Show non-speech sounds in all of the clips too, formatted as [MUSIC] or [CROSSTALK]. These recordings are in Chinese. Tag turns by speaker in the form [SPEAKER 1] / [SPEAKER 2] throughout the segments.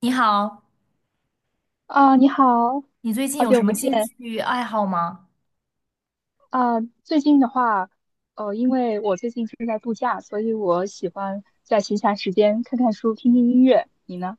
[SPEAKER 1] 你好，
[SPEAKER 2] 啊，你好，
[SPEAKER 1] 你最近
[SPEAKER 2] 好
[SPEAKER 1] 有
[SPEAKER 2] 久
[SPEAKER 1] 什么
[SPEAKER 2] 不
[SPEAKER 1] 兴
[SPEAKER 2] 见
[SPEAKER 1] 趣爱好吗？
[SPEAKER 2] 啊！最近的话，因为我最近正在度假，所以我喜欢在闲暇时间看看书、听听音乐。你呢？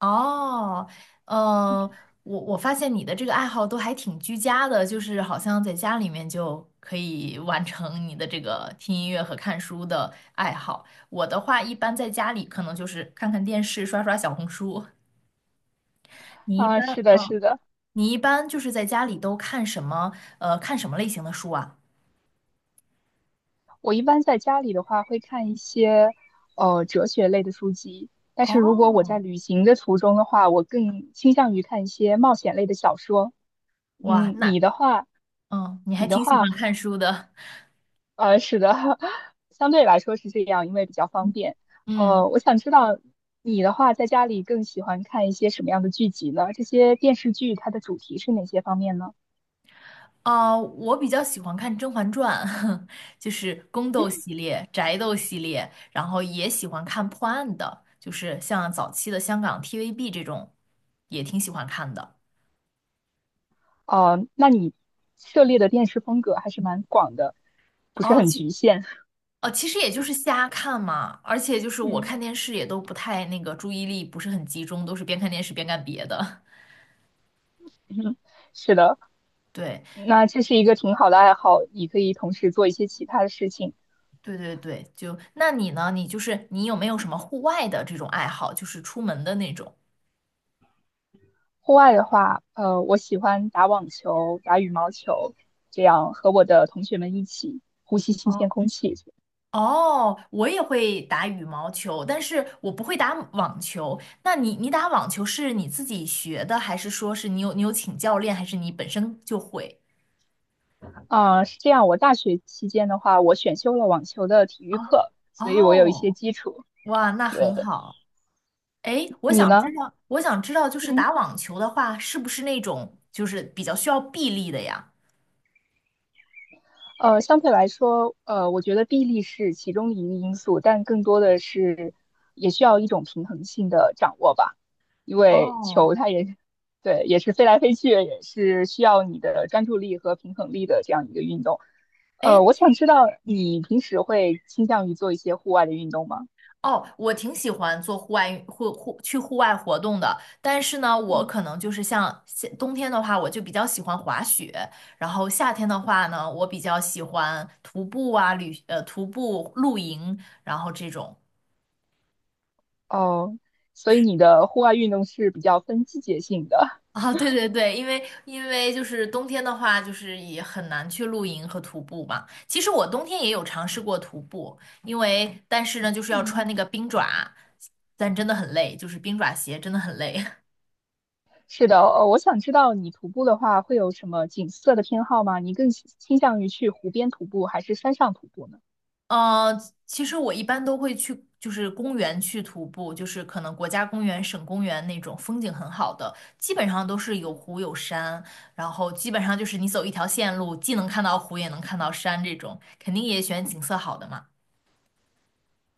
[SPEAKER 1] 哦，呃，我发现你的这个爱好都还挺居家的，就是好像在家里面就可以完成你的这个听音乐和看书的爱好。我的话，一般在家里可能就是看看电视、刷刷小红书。你一
[SPEAKER 2] 啊，
[SPEAKER 1] 般，
[SPEAKER 2] 是的，是的，
[SPEAKER 1] 你一般就是在家里都看什么？看什么类型的书啊？
[SPEAKER 2] 我一般在家里的话会看一些哲学类的书籍，但是如果我在
[SPEAKER 1] 哦，
[SPEAKER 2] 旅行的途中的话，我更倾向于看一些冒险类的小说。
[SPEAKER 1] 哇，
[SPEAKER 2] 嗯，你的话，
[SPEAKER 1] 嗯，你还
[SPEAKER 2] 你的
[SPEAKER 1] 挺喜
[SPEAKER 2] 话。
[SPEAKER 1] 欢看书的。
[SPEAKER 2] 是的，[LAUGHS] 相对来说是这样，因为比较方
[SPEAKER 1] 嗯。
[SPEAKER 2] 便。
[SPEAKER 1] 嗯
[SPEAKER 2] 我想知道你的话，在家里更喜欢看一些什么样的剧集呢？这些电视剧它的主题是哪些方面呢？
[SPEAKER 1] 啊，我比较喜欢看《甄嬛传》，[LAUGHS] 就是宫斗系列、宅斗系列，然后也喜欢看破案的，就是像早期的香港 TVB 这种，也挺喜欢看的。
[SPEAKER 2] 那你涉猎的电视风格还是蛮广的，不是
[SPEAKER 1] 哦，
[SPEAKER 2] 很
[SPEAKER 1] 其
[SPEAKER 2] 局限。
[SPEAKER 1] 哦，其实也就是瞎看嘛，而且就
[SPEAKER 2] [LAUGHS]
[SPEAKER 1] 是我
[SPEAKER 2] 嗯，
[SPEAKER 1] 看电视也都不太那个注意力不是很集中，都是边看电视边干别的。
[SPEAKER 2] 嗯是的，
[SPEAKER 1] [LAUGHS] 对，
[SPEAKER 2] 那这是一个挺好的爱好，你可以同时做一些其他的事情。
[SPEAKER 1] 对对对，就那你呢？你就是你有没有什么户外的这种爱好，就是出门的那种？
[SPEAKER 2] 户外的话，我喜欢打网球、打羽毛球，这样和我的同学们一起呼吸新鲜
[SPEAKER 1] 哦。
[SPEAKER 2] 空气。
[SPEAKER 1] 哦，我也会打羽毛球，但是我不会打网球。那你打网球是你自己学的，还是说是你有请教练，还是你本身就会？
[SPEAKER 2] 啊，是这样。我大学期间的话，我选修了网球的体育
[SPEAKER 1] 啊，
[SPEAKER 2] 课，所以我有一些
[SPEAKER 1] 哦，
[SPEAKER 2] 基础。
[SPEAKER 1] 哇，那很
[SPEAKER 2] 对，
[SPEAKER 1] 好。哎，
[SPEAKER 2] 你呢？
[SPEAKER 1] 我想知道，就是
[SPEAKER 2] 嗯，
[SPEAKER 1] 打网球的话，是不是那种就是比较需要臂力的呀？
[SPEAKER 2] 相对来说，我觉得臂力是其中一个因素，但更多的是也需要一种平衡性的掌握吧。因为
[SPEAKER 1] 哦，
[SPEAKER 2] 球它也对，也是飞来飞去，也是需要你的专注力和平衡力的这样一个运动。
[SPEAKER 1] 哎，
[SPEAKER 2] 我想知道你平时会倾向于做一些户外的运动吗？
[SPEAKER 1] 哦，我挺喜欢做户外运户户去户外活动的，但是呢，我
[SPEAKER 2] 嗯。
[SPEAKER 1] 可能就是像夏冬天的话，我就比较喜欢滑雪，然后夏天的话呢，我比较喜欢徒步啊，徒步露营，然后这种。
[SPEAKER 2] 哦，所以你的户外运动是比较分季节性的。
[SPEAKER 1] 啊，对对对，因为就是冬天的话，就是也很难去露营和徒步嘛。其实我冬天也有尝试过徒步，但是呢，就是要穿
[SPEAKER 2] 嗯。
[SPEAKER 1] 那
[SPEAKER 2] [LAUGHS]
[SPEAKER 1] 个冰爪，但真的很累，就是冰爪鞋真的很累。
[SPEAKER 2] 是的，我想知道你徒步的话会有什么景色的偏好吗？你更倾向于去湖边徒步还是山上徒步呢？
[SPEAKER 1] 呃，其实我一般都会去，就是公园去徒步，就是可能国家公园、省公园那种风景很好的，基本上都是有湖有山，然后基本上就是你走一条线路，既能看到湖，也能看到山，这种肯定也选景色好的嘛。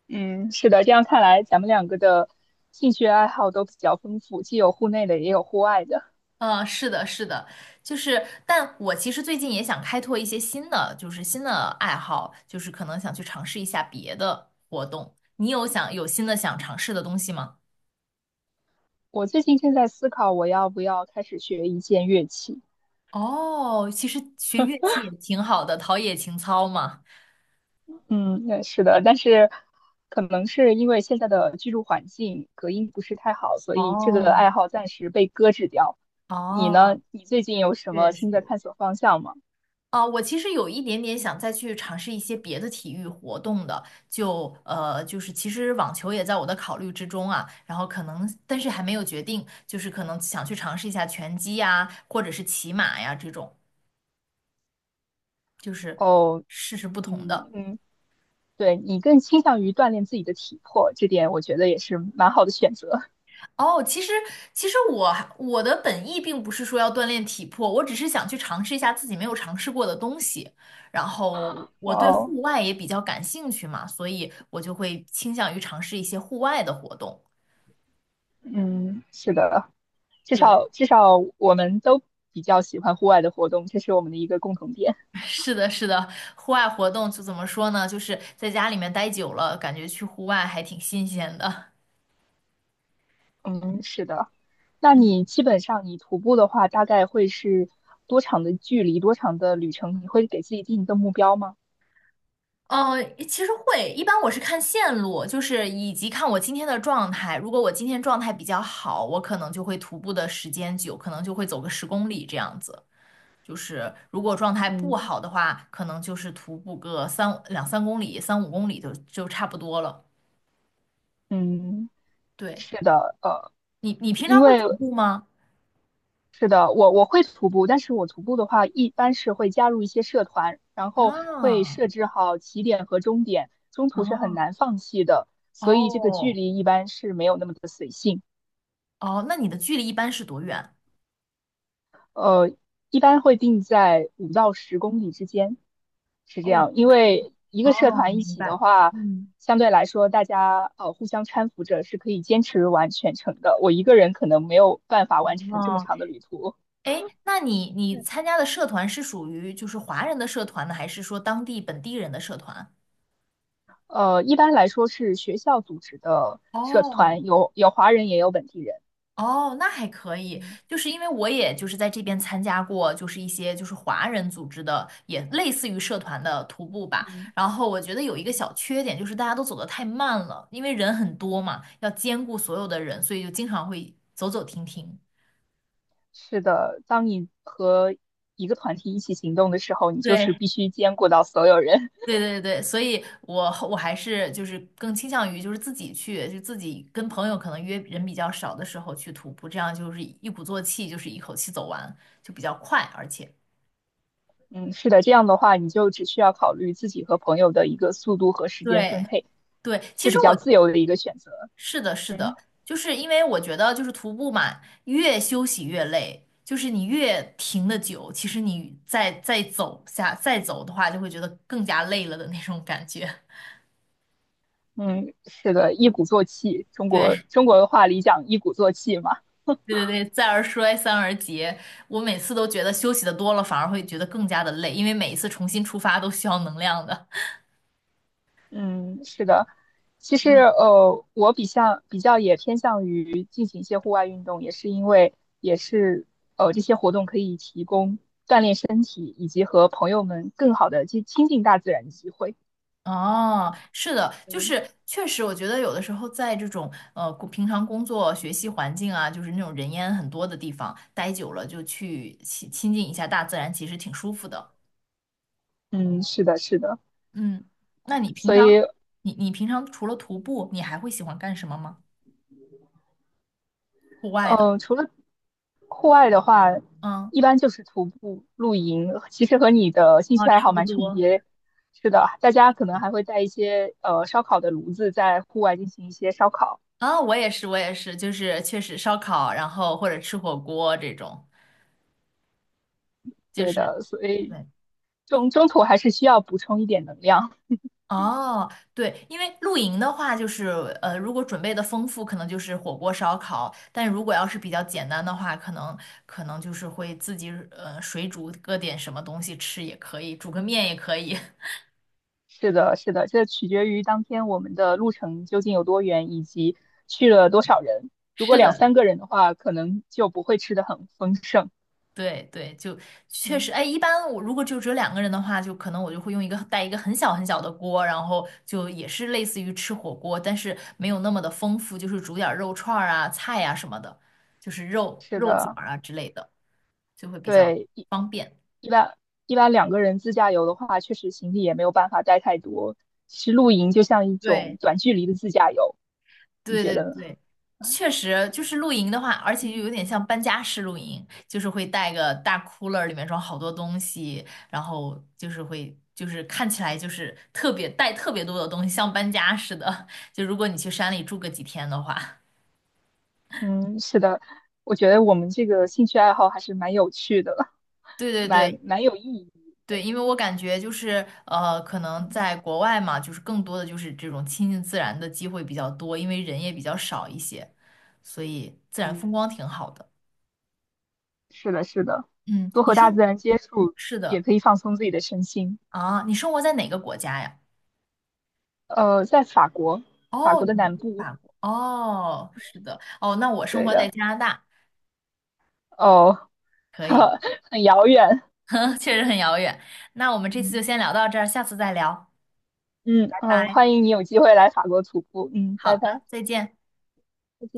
[SPEAKER 2] 嗯，是的，这样看来咱们两个的兴趣爱好都比较丰富，既有户内的，也有户外的。
[SPEAKER 1] 是的，是的，就是，但我其实最近也想开拓一些新的，就是新的爱好，就是可能想去尝试一下别的活动。你有想有新的想尝试的东西吗？
[SPEAKER 2] 我最近正在思考我要不要开始学一件乐器，
[SPEAKER 1] 哦，其实学乐器也挺好的，陶冶情操嘛。
[SPEAKER 2] 嗯，那是的，但是可能是因为现在的居住环境隔音不是太好，所以这个
[SPEAKER 1] 哦
[SPEAKER 2] 爱好暂时被搁置掉。你呢？
[SPEAKER 1] 哦，
[SPEAKER 2] 你最近有什么
[SPEAKER 1] 确
[SPEAKER 2] 新的
[SPEAKER 1] 实。
[SPEAKER 2] 探索方向吗？
[SPEAKER 1] 啊，我其实有一点点想再去尝试一些别的体育活动的，就是其实网球也在我的考虑之中啊，然后可能，但是还没有决定，就是可能想去尝试一下拳击呀，或者是骑马呀这种，就是
[SPEAKER 2] 哦，
[SPEAKER 1] 试试不同
[SPEAKER 2] 嗯，
[SPEAKER 1] 的。
[SPEAKER 2] 嗯，对，你更倾向于锻炼自己的体魄，这点我觉得也是蛮好的选择。
[SPEAKER 1] 哦，其实我的本意并不是说要锻炼体魄，我只是想去尝试一下自己没有尝试过的东西。然后我对
[SPEAKER 2] 哦，
[SPEAKER 1] 户外也比较感兴趣嘛，所以我就会倾向于尝试一些户外的活动。
[SPEAKER 2] 嗯，是的，至
[SPEAKER 1] 对，
[SPEAKER 2] 少至少我们都比较喜欢户外的活动，这是我们的一个共同点。
[SPEAKER 1] [LAUGHS] 是的，是的，户外活动就怎么说呢？就是在家里面待久了，感觉去户外还挺新鲜的。
[SPEAKER 2] 嗯，是的。那
[SPEAKER 1] 嗯。
[SPEAKER 2] 你基本上你徒步的话，大概会是多长的距离，多长的旅程？你会给自己定一个目标吗？
[SPEAKER 1] 其实会，一般我是看线路，就是以及看我今天的状态。如果我今天状态比较好，我可能就会徒步的时间久，可能就会走个10公里这样子。就是如果状态不
[SPEAKER 2] 嗯
[SPEAKER 1] 好的话，可能就是徒步个两三公里、三五公里就差不多了。
[SPEAKER 2] 嗯，
[SPEAKER 1] 对，
[SPEAKER 2] 是的，
[SPEAKER 1] 你平
[SPEAKER 2] 因
[SPEAKER 1] 常会
[SPEAKER 2] 为
[SPEAKER 1] 徒步吗？
[SPEAKER 2] 是的，我会徒步，但是我徒步的话，一般是会加入一些社团，然后会
[SPEAKER 1] 啊
[SPEAKER 2] 设置好起点和终点，中途是很
[SPEAKER 1] 啊，
[SPEAKER 2] 难放弃的，所以这个距
[SPEAKER 1] 哦
[SPEAKER 2] 离一般是没有那么的随性。
[SPEAKER 1] 哦，那你的距离一般是多远？
[SPEAKER 2] 呃，一般会定在5到10公里之间，是这
[SPEAKER 1] 哦
[SPEAKER 2] 样。因为一个社
[SPEAKER 1] 哦，
[SPEAKER 2] 团一
[SPEAKER 1] 明
[SPEAKER 2] 起的
[SPEAKER 1] 白。
[SPEAKER 2] 话，
[SPEAKER 1] 嗯。
[SPEAKER 2] 相对来说大家互相搀扶着是可以坚持完全程的。我一个人可能没有办法完成这么
[SPEAKER 1] 哦。
[SPEAKER 2] 长的旅途。
[SPEAKER 1] 哎，那你
[SPEAKER 2] 对，
[SPEAKER 1] 参加的社团是属于就是华人的社团呢，还是说当地本地人的社团？
[SPEAKER 2] 一般来说是学校组织的社
[SPEAKER 1] 哦，
[SPEAKER 2] 团，有华人也有本地人。
[SPEAKER 1] 哦，那还可以，
[SPEAKER 2] 嗯
[SPEAKER 1] 就是因为我也就是在这边参加过，就是一些就是华人组织的，也类似于社团的徒步吧。
[SPEAKER 2] 嗯，
[SPEAKER 1] 然后我觉得有一个
[SPEAKER 2] 嗯，
[SPEAKER 1] 小缺点就是大家都走得太慢了，因为人很多嘛，要兼顾所有的人，所以就经常会走走停停。
[SPEAKER 2] 是的，当你和一个团体一起行动的时候，你就是
[SPEAKER 1] 对，
[SPEAKER 2] 必须兼顾到所有人。
[SPEAKER 1] 对对对，所以我还是就是更倾向于就是自己去，就自己跟朋友可能约人比较少的时候去徒步，这样就是一鼓作气，就是一口气走完，就比较快，而且
[SPEAKER 2] 嗯，是的，这样的话，你就只需要考虑自己和朋友的一个速度和时间分
[SPEAKER 1] 对
[SPEAKER 2] 配，
[SPEAKER 1] 对，其
[SPEAKER 2] 是
[SPEAKER 1] 实
[SPEAKER 2] 比较
[SPEAKER 1] 我
[SPEAKER 2] 自由的一个选择。
[SPEAKER 1] 是的，是的，
[SPEAKER 2] 嗯
[SPEAKER 1] 就是因为我觉得就是徒步嘛，越休息越累，就是你越停的久，其实你再再走的话，就会觉得更加累了的那种感觉。[LAUGHS]
[SPEAKER 2] 嗯，是的，一鼓作气，中国
[SPEAKER 1] 对，
[SPEAKER 2] 中国的话里讲一鼓作气嘛。
[SPEAKER 1] 对对对，再而衰，三而竭。我每次都觉得休息的多了，反而会觉得更加的累，因为每一次重新出发都需要能量的。
[SPEAKER 2] 嗯，是的。其实我比较也偏向于进行一些户外运动，也是因为也是这些活动可以提供锻炼身体以及和朋友们更好的去亲近大自然的机会。
[SPEAKER 1] 哦，是的，就
[SPEAKER 2] 嗯
[SPEAKER 1] 是确实，我觉得有的时候在这种平常工作、学习环境啊，就是那种人烟很多的地方待久了，就去亲近一下大自然，其实挺舒服的。
[SPEAKER 2] 嗯，是的，是的。
[SPEAKER 1] 嗯，那你平
[SPEAKER 2] 所
[SPEAKER 1] 常
[SPEAKER 2] 以
[SPEAKER 1] 你你平常除了徒步，你还会喜欢干什么吗？户外的，
[SPEAKER 2] 嗯，除了户外的话，
[SPEAKER 1] 嗯，
[SPEAKER 2] 一般就是徒步、露营，其实和你的兴
[SPEAKER 1] 啊，
[SPEAKER 2] 趣爱
[SPEAKER 1] 差
[SPEAKER 2] 好
[SPEAKER 1] 不
[SPEAKER 2] 蛮重
[SPEAKER 1] 多。
[SPEAKER 2] 叠。是的，大家可能还会带一些烧烤的炉子，在户外进行一些烧烤。
[SPEAKER 1] 啊，我也是，我也是，就是确实烧烤，然后或者吃火锅这种，就
[SPEAKER 2] 对
[SPEAKER 1] 是
[SPEAKER 2] 的，所以
[SPEAKER 1] 对。
[SPEAKER 2] 中途还是需要补充一点能量。
[SPEAKER 1] 哦，对，因为露营的话，就是如果准备的丰富，可能就是火锅、烧烤；但如果要是比较简单的话，可能就是会自己水煮搁点什么东西吃也可以，煮个面也可以。[LAUGHS]
[SPEAKER 2] 是的，是的，这取决于当天我们的路程究竟有多远，以及去了多少人。如果
[SPEAKER 1] 是
[SPEAKER 2] 两
[SPEAKER 1] 的，
[SPEAKER 2] 三个人的话，可能就不会吃的很丰盛。
[SPEAKER 1] 对对，就确
[SPEAKER 2] 嗯，
[SPEAKER 1] 实，哎，一般我如果就只有两个人的话，就可能我就会用一个带一个很小很小的锅，然后就也是类似于吃火锅，但是没有那么的丰富，就是煮点儿肉串儿啊、菜呀、什么的，就是肉
[SPEAKER 2] 是
[SPEAKER 1] 肉卷
[SPEAKER 2] 的，
[SPEAKER 1] 儿啊之类的，就会比较
[SPEAKER 2] 对。
[SPEAKER 1] 方便，
[SPEAKER 2] 一般一般两个人自驾游的话，确实行李也没有办法带太多。其实露营就像一种
[SPEAKER 1] 对。
[SPEAKER 2] 短距离的自驾游，你
[SPEAKER 1] 对
[SPEAKER 2] 觉
[SPEAKER 1] 对
[SPEAKER 2] 得呢？
[SPEAKER 1] 对，确实就是露营的话，而且
[SPEAKER 2] 嗯，
[SPEAKER 1] 又有点像搬家式露营，就是会带个大 cooler，里面装好多东西，然后就是会就是看起来就是特别带特别多的东西，像搬家似的。就如果你去山里住个几天的话，
[SPEAKER 2] 嗯，是的，我觉得我们这个兴趣爱好还是蛮有趣的，
[SPEAKER 1] [LAUGHS]
[SPEAKER 2] [LAUGHS]
[SPEAKER 1] 对对
[SPEAKER 2] 蛮
[SPEAKER 1] 对。
[SPEAKER 2] 蛮有意义。
[SPEAKER 1] 对，因为我感觉就是可能
[SPEAKER 2] 嗯
[SPEAKER 1] 在国外嘛，就是更多的就是这种亲近自然的机会比较多，因为人也比较少一些，所以自然
[SPEAKER 2] 嗯，
[SPEAKER 1] 风光挺好的。
[SPEAKER 2] 是的，是的，
[SPEAKER 1] 嗯，
[SPEAKER 2] 多
[SPEAKER 1] 你
[SPEAKER 2] 和大自
[SPEAKER 1] 说
[SPEAKER 2] 然接触
[SPEAKER 1] 是
[SPEAKER 2] 也
[SPEAKER 1] 的。
[SPEAKER 2] 可以放松自己的身心。
[SPEAKER 1] 啊，你生活在哪个国家呀？
[SPEAKER 2] 在法国，法
[SPEAKER 1] 哦，
[SPEAKER 2] 国
[SPEAKER 1] 你
[SPEAKER 2] 的南
[SPEAKER 1] 在
[SPEAKER 2] 部，
[SPEAKER 1] 法国。哦，是的。哦，那我生
[SPEAKER 2] 对
[SPEAKER 1] 活在
[SPEAKER 2] 的，
[SPEAKER 1] 加拿大，
[SPEAKER 2] 哦，
[SPEAKER 1] 可以，
[SPEAKER 2] [LAUGHS] 很遥远。
[SPEAKER 1] [LAUGHS] 确实很遥远。那我们这次就
[SPEAKER 2] 嗯。
[SPEAKER 1] 先聊到这儿，下次再聊，
[SPEAKER 2] 嗯
[SPEAKER 1] 拜
[SPEAKER 2] 嗯，
[SPEAKER 1] 拜。
[SPEAKER 2] 欢迎你有机会来法国徒步。嗯，
[SPEAKER 1] 好
[SPEAKER 2] 拜拜。
[SPEAKER 1] 的，再见。